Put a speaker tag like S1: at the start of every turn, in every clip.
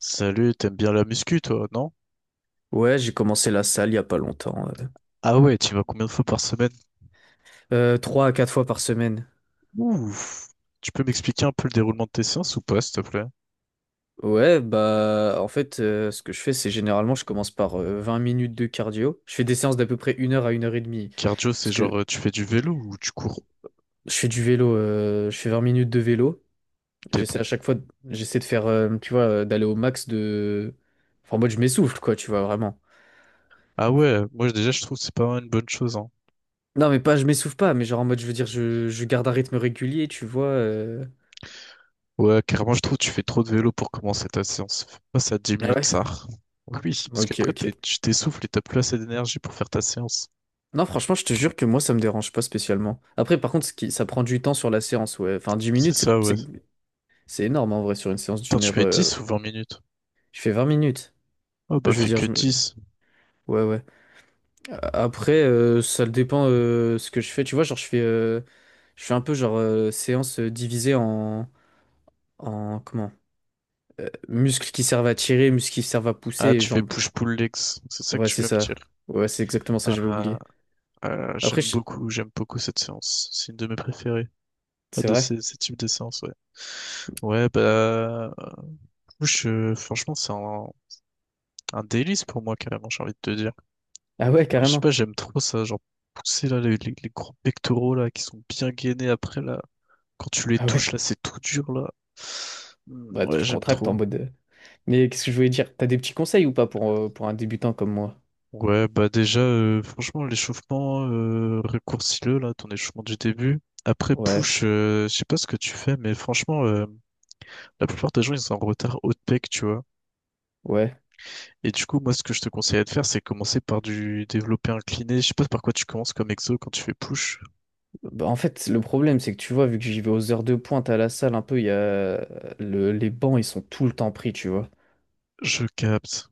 S1: Salut, t'aimes bien la muscu, toi, non?
S2: Ouais, j'ai commencé la salle il y a pas longtemps, ouais.
S1: Ah ouais, tu y vas combien de fois par semaine?
S2: Trois à quatre fois par semaine.
S1: Ouf. Tu peux m'expliquer un peu le déroulement de tes séances ou pas, s'il te plaît?
S2: Ouais, bah en fait, ce que je fais, c'est généralement, je commence par 20 minutes de cardio. Je fais des séances d'à peu près une heure à 1 heure et demie.
S1: Cardio, c'est
S2: Parce
S1: genre
S2: que
S1: tu fais du vélo ou tu cours?
S2: je fais du vélo, je fais 20 minutes de vélo.
S1: T'es
S2: J'essaie à
S1: bon.
S2: chaque fois, j'essaie de faire, tu vois, d'aller au max de… Enfin, en mode, je m'essouffle, quoi, tu vois, vraiment.
S1: Ah ouais, moi déjà je trouve que c'est pas vraiment une bonne chose, hein.
S2: Non, mais pas, je m'essouffle pas, mais genre en mode, je veux dire, je garde un rythme régulier, tu vois, euh.
S1: Ouais, carrément, je trouve que tu fais trop de vélo pour commencer ta séance. Passe à 10
S2: Ah
S1: minutes,
S2: ouais?
S1: ça. Oui, parce
S2: Ok,
S1: qu'après
S2: ok.
S1: tu t'essouffles et t'as plus assez d'énergie pour faire ta séance.
S2: Non, franchement, je te jure que moi, ça me dérange pas spécialement. Après, par contre, ce qui, ça prend du temps sur la séance, ouais. Enfin, dix
S1: C'est
S2: minutes,
S1: ça, ouais.
S2: c'est énorme en vrai sur une séance
S1: Attends,
S2: d'une
S1: tu
S2: heure.
S1: fais 10 ou 20 minutes?
S2: Je fais 20 minutes.
S1: Oh bah
S2: Je veux
S1: fais
S2: dire,
S1: que
S2: je me…
S1: 10.
S2: Ouais, ouais. Après, ça dépend ce que je fais. Tu vois, genre, je fais un peu genre séance divisée en, en comment? Muscles qui servent à tirer, muscles qui servent à pousser
S1: Ah,
S2: et
S1: tu fais
S2: jambes.
S1: push-pull legs, c'est ça que
S2: Ouais,
S1: tu
S2: c'est
S1: veux me
S2: ça.
S1: dire.
S2: Ouais, c'est exactement ça, j'avais
S1: Ah,
S2: oublié. Après, je-
S1: J'aime beaucoup cette séance. C'est une de mes préférées,
S2: c'est
S1: de
S2: vrai.
S1: ces types de séances, ouais. Ouais, bah, euh, je, franchement, un délice pour moi, carrément, j'ai envie de te dire.
S2: Ah ouais,
S1: Je sais
S2: carrément.
S1: pas, j'aime trop ça, genre, pousser, là, les gros pectoraux, là, qui sont bien gainés après, là. Quand tu les
S2: Ah
S1: touches,
S2: ouais.
S1: là, c'est tout dur, là. Hmm.
S2: Bah,
S1: Ouais,
S2: tu
S1: j'aime
S2: contractes en
S1: trop.
S2: mode. Mais qu'est-ce que je voulais dire? T'as des petits conseils ou pas pour, pour un débutant comme moi?
S1: Franchement, l'échauffement, raccourcis-le, là, ton échauffement du début. Après,
S2: Ouais,
S1: push, je sais pas ce que tu fais, mais franchement. La plupart des gens, ils sont en retard haut de pec, tu vois.
S2: ouais.
S1: Et du coup, moi, ce que je te conseillerais de faire, c'est commencer par du développé incliné. Je sais pas par quoi tu commences comme exo quand tu fais push.
S2: Bah, en fait, le problème, c'est que tu vois, vu que j'y vais aux heures de pointe à la salle, un peu, il y a les bancs, ils sont tout le temps pris, tu vois.
S1: Je capte.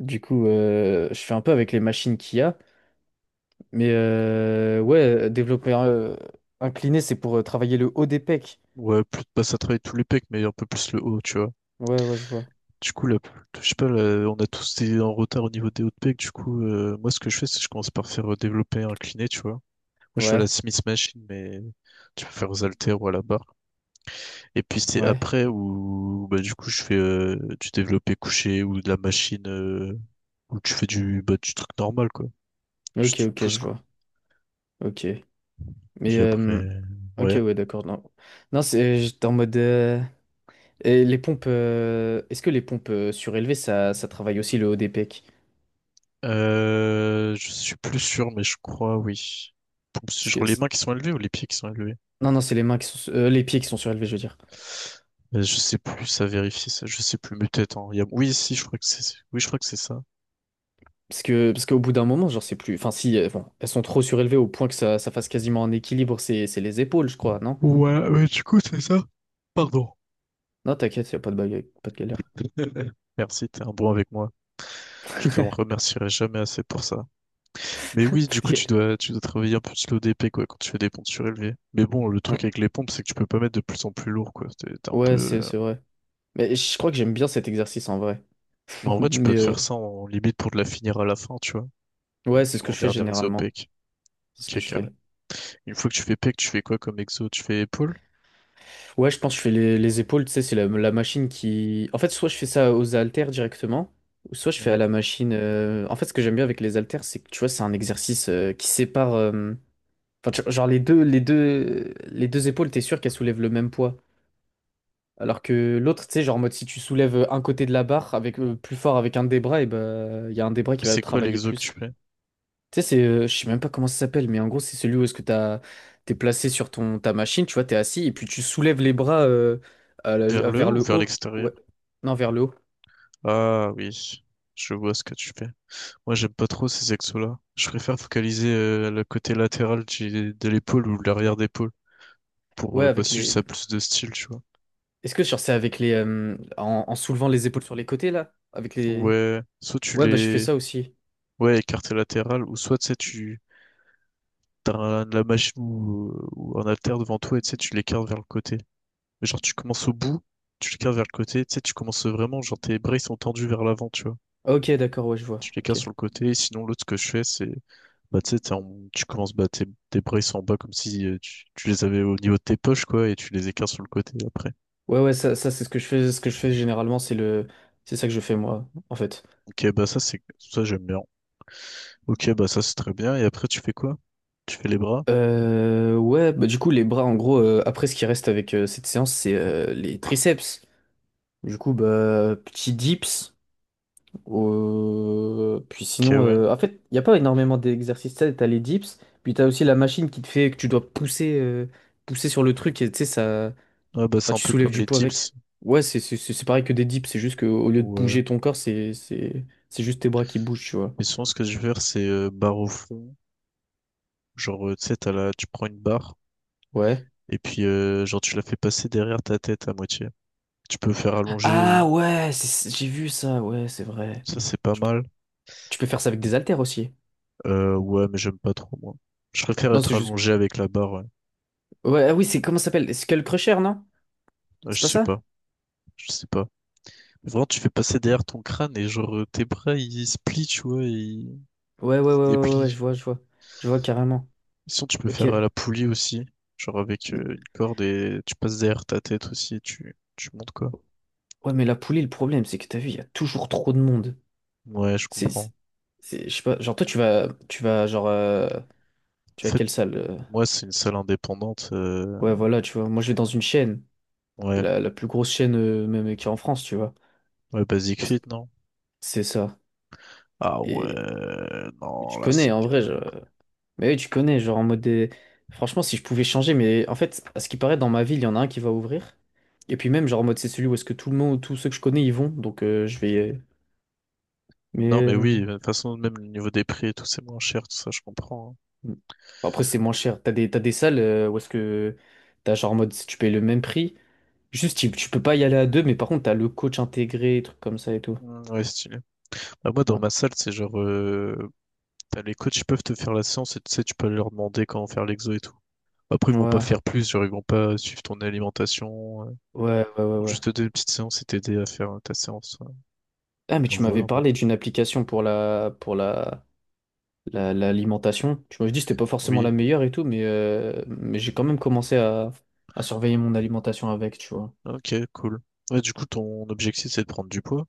S2: Du coup, je fais un peu avec les machines qu'il y a. Mais ouais, développer incliné, c'est pour travailler le haut des pecs.
S1: Ouais, plus de passe à travailler tous les pecs, mais un peu plus le haut, tu vois.
S2: Ouais, ouais, je vois.
S1: Du coup, là, je sais pas, là, on a tous été en retard au niveau des hauts de pec. Du coup, moi, ce que je fais, c'est que je commence par faire développé incliné, tu vois. Moi, je fais la
S2: Ouais,
S1: Smith Machine, mais tu peux faire aux haltères ou à la barre. Et puis, c'est
S2: ouais.
S1: après où, bah, du coup, je fais du développé couché ou de la machine. Ou tu fais du, bah, du truc normal, quoi. Juste
S2: Ok,
S1: tu
S2: ok,
S1: pousses,
S2: je
S1: quoi.
S2: vois. Ok. Mais,
S1: Puis après,
S2: ok,
S1: ouais.
S2: ouais, d'accord. Non, non c'est, j'étais en mode. Et les pompes, est-ce que les pompes surélevées, ça travaille aussi le haut des pecs?
S1: Je suis plus sûr, mais je crois, oui. C'est
S2: Parce
S1: genre
S2: que
S1: les
S2: c'est-
S1: mains qui sont élevées ou les pieds qui sont élevés?
S2: non, non, c'est les mains qui sont, les pieds qui sont surélevés, je veux dire.
S1: Je sais plus, ça vérifie ça, je sais plus, mais peut-être, hein. Oui, si, je crois que c'est, oui, je crois que c'est ça.
S2: Parce qu'au bout d'un moment, genre c'est plus, enfin si, bon, elles sont trop surélevées au point que ça fasse quasiment un équilibre, c'est les épaules, je crois, non?
S1: Ouais, mais du coup, c'est ça. Pardon.
S2: Non, t'inquiète, y a pas de bagarre, pas de galère,
S1: Merci, t'es un bon avec moi. Je te remercierai jamais assez pour ça. Mais oui,
S2: pas
S1: du
S2: de
S1: coup,
S2: galère.
S1: tu dois travailler un peu plus le DP, quoi, quand tu fais des pompes surélevées. Mais bon, le
S2: Ouais,
S1: truc avec les pompes, c'est que tu peux pas mettre de plus en plus lourd, quoi. T'es un peu...
S2: Ouais, c'est c'est vrai. Mais je crois que j'aime bien cet exercice en vrai.
S1: Mais en vrai, tu
S2: Mais
S1: peux te faire ça en limite pour de la finir à la fin, tu vois.
S2: ouais, c'est ce
S1: Genre
S2: que
S1: en
S2: je fais
S1: dernier exo
S2: généralement,
S1: pec.
S2: c'est ce que
S1: Ok,
S2: je
S1: calme.
S2: fais.
S1: Une fois que tu fais pec, tu fais quoi comme exo? Tu fais épaule?
S2: Ouais, je pense que je fais les épaules, tu sais, c'est la machine qui… En fait, soit je fais ça aux haltères directement, ou soit je fais à
S1: Ouais.
S2: la machine… En fait, ce que j'aime bien avec les haltères, c'est que, tu vois, c'est un exercice qui sépare… Enfin, genre, les deux épaules, t'es sûr qu'elles soulèvent le même poids. Alors que l'autre, tu sais, genre, en mode, si tu soulèves un côté de la barre avec, plus fort avec un des bras, et ben, il y a un des bras
S1: Mais
S2: qui va
S1: c'est quoi
S2: travailler
S1: l'exo que tu
S2: plus.
S1: fais?
S2: Tu sais, je sais même pas comment ça s'appelle, mais en gros, c'est celui où est-ce que t'as, t'es placé sur ta machine, tu vois, t'es assis, et puis tu soulèves les bras
S1: Vers le
S2: vers
S1: haut ou
S2: le
S1: vers
S2: haut.
S1: l'extérieur?
S2: Ouais. Non, vers le haut.
S1: Ah oui, je vois ce que tu fais. Moi, j'aime pas trop ces exos-là. Je préfère focaliser le côté latéral de l'épaule ou l'arrière d'épaule pour
S2: Ouais,
S1: bah,
S2: avec
S1: si
S2: les.
S1: ça a plus de style, tu vois.
S2: Est-ce que genre, c'est avec les. En, en soulevant les épaules sur les côtés, là? Avec les.
S1: Ouais, soit tu
S2: Ouais, bah, je fais
S1: les...
S2: ça aussi.
S1: Ouais, écarté latéral, ou soit, tu sais, tu... La machine ou un haltère devant toi et tu sais, tu l'écartes vers le côté. Mais genre, tu commences au bout, tu l'écartes vers le côté, tu sais, tu commences vraiment, genre, tes bras, ils sont tendus vers l'avant, tu vois.
S2: Ah, ok, d'accord, ouais, je vois.
S1: Tu l'écartes
S2: Ok.
S1: sur le côté, et sinon, l'autre, ce que je fais, c'est... Bah, tu sais, tu commences, bah, tes bras, ils sont en bas comme si tu les avais au niveau de tes poches, quoi, et tu les écartes sur le côté après.
S2: Ouais, ouais, ça c'est ce que je fais. Ce que je fais généralement, c'est le. C'est ça que je fais, moi, en fait.
S1: Ok, bah, ça, c'est... Ça, j'aime bien. Ok, bah, ça, c'est très bien. Et après, tu fais quoi? Tu fais les bras?
S2: Ouais, bah, du coup, les bras, en gros, après, ce qui reste avec cette séance, c'est les triceps. Du coup, bah, petit dips. Puis
S1: Ok,
S2: sinon,
S1: ouais.
S2: en fait, il n'y a pas énormément d'exercices. Tu as les dips, puis tu as aussi la machine qui te fait que tu dois pousser, pousser sur le truc et tu sais, ça…
S1: Ah, bah,
S2: enfin,
S1: c'est un
S2: tu
S1: peu
S2: soulèves
S1: comme
S2: du
S1: les
S2: poids avec.
S1: dips.
S2: Ouais, c'est pareil que des dips, c'est juste qu'au lieu de
S1: Ouais.
S2: bouger ton corps, c'est juste tes bras qui bougent, tu vois.
S1: Mais souvent, ce que je vais faire, c'est barre au fond. Genre, tu sais, t'as la... tu prends une barre
S2: Ouais.
S1: et puis, genre, tu la fais passer derrière ta tête à moitié. Tu peux faire allonger,
S2: Ah ouais, j'ai vu ça, ouais, c'est vrai.
S1: ça, c'est pas
S2: Tu peux
S1: mal.
S2: tu peux faire ça avec des haltères aussi.
S1: Ouais, mais j'aime pas trop, moi. Je préfère
S2: Non,
S1: être
S2: c'est juste.
S1: allongé avec la barre, ouais.
S2: Ouais, ah oui, c'est comment ça s'appelle? Skull Crusher, non?
S1: Ouais,
S2: C'est
S1: je
S2: pas
S1: sais
S2: ça?
S1: pas. Je sais pas. Vraiment, tu fais passer derrière ton crâne et, genre, tes bras, ils se plient, tu vois,
S2: Ouais,
S1: ils
S2: ouais, ouais,
S1: se
S2: ouais, ouais,
S1: déplient.
S2: je vois, je vois. Je vois carrément.
S1: Sinon, tu peux
S2: Ok.
S1: faire à la poulie aussi. Genre, avec
S2: M-
S1: une corde et tu passes derrière ta tête aussi tu montes, quoi.
S2: Ouais, mais la poulie, le problème, c'est que t'as vu, il y a toujours trop de monde.
S1: Ouais, je
S2: C'est,
S1: comprends.
S2: je sais pas, genre toi, tu vas, genre, tu
S1: En
S2: vas à
S1: fait,
S2: quelle salle? Euh,
S1: moi, c'est une salle indépendante.
S2: ouais, voilà, tu vois. Moi, je vais dans une chaîne,
S1: Ouais,
S2: la plus grosse chaîne, même, qui est en France, tu vois.
S1: ouais, Basic
S2: Parce
S1: Fit,
S2: que
S1: non?
S2: c'est ça.
S1: Ah ouais,
S2: Et
S1: non,
S2: tu
S1: là,
S2: connais,
S1: c'est
S2: en vrai,
S1: galère.
S2: mais oui, tu connais, genre, en mode des… Franchement, si je pouvais changer, mais en fait, à ce qui paraît, dans ma ville, il y en a un qui va ouvrir. Et puis même, genre, en mode, c'est celui où est-ce que tout le monde, tous ceux que je connais, ils vont. Donc, je vais.
S1: Non,
S2: Mais
S1: mais
S2: euh,
S1: oui, de toute façon, même le niveau des prix et tout, c'est moins cher, tout ça, je comprends,
S2: bon, après, c'est moins cher. T'as des salles où est-ce que t'as genre en mode si tu payes le même prix. Juste, tu peux pas y aller à deux, mais par contre, t'as le coach intégré, trucs comme ça et tout.
S1: hein. Mm. Ouais, stylé. Bah, moi, dans
S2: Ouais.
S1: ma salle, c'est genre, t'as les coachs, ils peuvent te faire la séance et tu sais, tu peux aller leur demander comment faire l'exo et tout. Après, ils vont pas
S2: Ouais,
S1: faire plus, genre, ils vont pas suivre ton alimentation. Euh.
S2: ouais, ouais,
S1: Ils
S2: ouais,
S1: vont
S2: ouais.
S1: juste te donner une petite séance et t'aider à faire ta séance, ouais.
S2: Ah, mais
S1: Genre,
S2: tu
S1: voilà,
S2: m'avais
S1: en mode.
S2: parlé d'une application pour l'alimentation. Tu m'avais dit que c'était pas forcément la
S1: Oui,
S2: meilleure et tout, mais j'ai quand même commencé à surveiller mon alimentation avec, tu vois.
S1: ok, cool. Ouais, du coup, ton objectif, c'est de prendre du poids,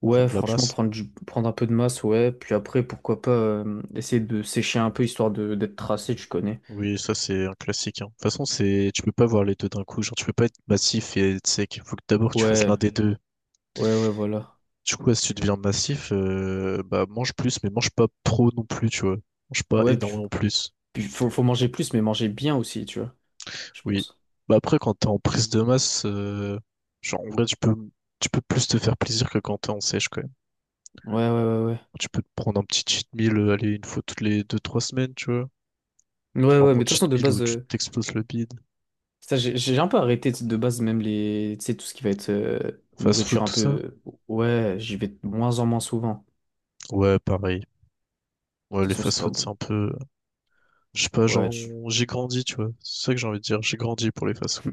S2: Ouais,
S1: prendre de la
S2: franchement,
S1: masse.
S2: prendre un peu de masse, ouais. Puis après, pourquoi pas essayer de sécher un peu histoire de d'être tracé,
S1: Mm.
S2: tu connais.
S1: Oui, ça c'est un classique, hein. De toute façon, c'est tu peux pas voir les deux d'un coup. Genre, tu peux pas être massif et être sec. Il faut que d'abord tu fasses l'un
S2: Ouais,
S1: des deux.
S2: ouais, ouais, voilà.
S1: Du coup, si tu deviens massif, bah mange plus, mais mange pas trop non plus, tu vois. Mange pas
S2: Ouais,
S1: énormément plus.
S2: puis faut manger plus, mais manger bien aussi, tu vois, je
S1: Oui.
S2: pense.
S1: Bah après, quand t'es en prise de masse, genre en vrai, tu peux plus te faire plaisir que quand t'es en sèche quand même.
S2: Ouais, ouais, ouais, ouais.
S1: Tu peux te prendre un petit cheat meal, aller une fois toutes les deux trois semaines, tu vois.
S2: Ouais,
S1: Genre
S2: ouais,
S1: bon
S2: mais de toute façon,
S1: cheat
S2: de
S1: meal où
S2: base,
S1: tu t'exploses le bide.
S2: ça, j'ai un peu arrêté de base, même les, tu sais, tout ce qui va être
S1: Fast food,
S2: nourriture un
S1: tout ça.
S2: peu. Ouais, j'y vais de moins en moins souvent.
S1: Ouais, pareil. Ouais,
S2: De toute
S1: les
S2: façon, c'est
S1: fast
S2: pas
S1: food, c'est
S2: bon.
S1: un peu. Je sais pas,
S2: Ouais,
S1: genre,
S2: tu…
S1: j'ai grandi, tu vois. C'est ça que j'ai envie de dire. J'ai grandi pour les fast-food.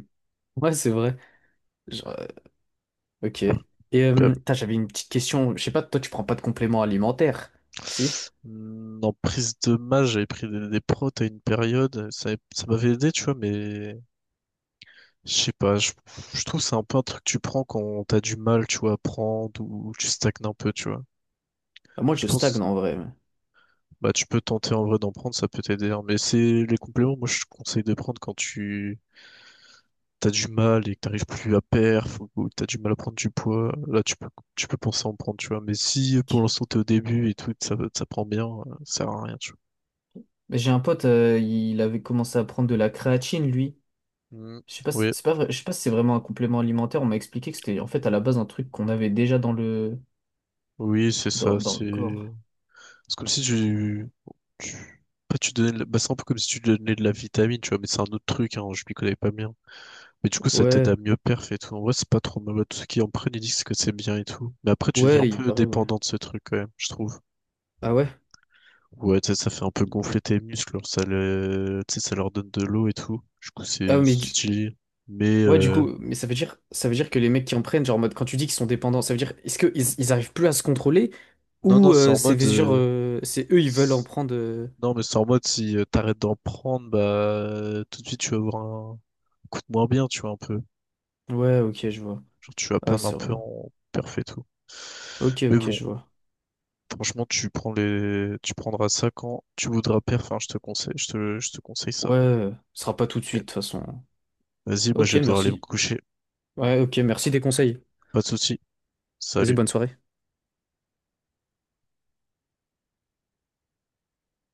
S2: ouais, c'est vrai. Ok. Et
S1: Puis, euh,
S2: putain, j'avais une petite question. Je sais pas, toi, tu prends pas de compléments alimentaires, si?
S1: hmm, en prise de masse, j'avais pris des protes à une période. Ça m'avait aidé, tu vois, mais je sais pas. Je trouve que c'est un peu un truc que tu prends quand t'as du mal, tu vois, à prendre ou tu stagnes un peu, tu vois.
S2: Bah, moi,
S1: Je
S2: je
S1: pense,
S2: stagne en vrai.
S1: bah, tu peux tenter en vrai d'en prendre, ça peut t'aider, hein. Mais c'est les compléments, moi, je conseille de prendre quand tu t'as du mal et que t'arrives plus à perf ou que t'as du mal à prendre du poids, là tu peux penser à en prendre, tu vois. Mais si
S2: Ok.
S1: pour l'instant t'es au début et tout, ça prend bien, ça sert à rien, tu
S2: Mais j'ai un pote, il avait commencé à prendre de la créatine, lui.
S1: vois. Mm.
S2: Je sais pas, si-
S1: Oui,
S2: c'est pas vrai- je sais pas si c'est vraiment un complément alimentaire. On m'a expliqué que c'était en fait à la base un truc qu'on avait déjà dans
S1: oui, c'est ça,
S2: dans le corps.
S1: c'est comme si tu tu pas tu donnais de la- bah, c'est un peu comme si tu donnais de la vitamine, tu vois, mais c'est un autre truc, hein, je m'y connais pas bien. Mais du coup, ça t'aide à
S2: Ouais,
S1: mieux perf et tout. En vrai, c'est pas trop mal. Tous ceux qui en prennent, ils disent que c'est bien et tout. Mais après, tu deviens un
S2: ouais, il
S1: peu
S2: paraît, ouais.
S1: dépendant de ce truc, quand même, je trouve.
S2: Ah ouais?
S1: Ouais, tu sais, ça fait un peu gonfler tes muscles, alors ça, le... tu sais, ça leur donne de l'eau et tout. Du coup,
S2: Ah mais
S1: c'est
S2: du-
S1: stylé. Mais
S2: Ouais, du
S1: euh,
S2: coup, mais ça veut dire, que les mecs qui en prennent, genre, en mode, quand tu dis qu'ils sont dépendants, ça veut dire, est-ce qu'ils ils arrivent plus à se contrôler
S1: non,
S2: ou
S1: c'est en
S2: c'est
S1: mode.
S2: genre,
S1: euh,
S2: c'est eux, ils veulent en
S1: c'est-
S2: prendre.
S1: Non, mais c'est en mode si t'arrêtes d'en prendre, bah tout de suite tu vas avoir un coup de moins bien, tu vois, un peu.
S2: Ouais, ok, je vois.
S1: Genre, tu vas
S2: Ah, ouais,
S1: perdre un
S2: c'est
S1: peu
S2: relou.
S1: en perf et tout.
S2: Ok,
S1: Mais
S2: ok,
S1: bon,
S2: je vois.
S1: franchement, tu prends les... tu prendras ça quand tu voudras perf, enfin, je te conseille, je te conseille ça.
S2: Ouais, ce sera pas tout de suite, de toute façon.
S1: Vas-y, moi
S2: Ok,
S1: je vais devoir aller me
S2: merci.
S1: coucher.
S2: Ouais, ok, merci des conseils.
S1: Pas de soucis.
S2: Vas-y,
S1: Salut.
S2: bonne soirée.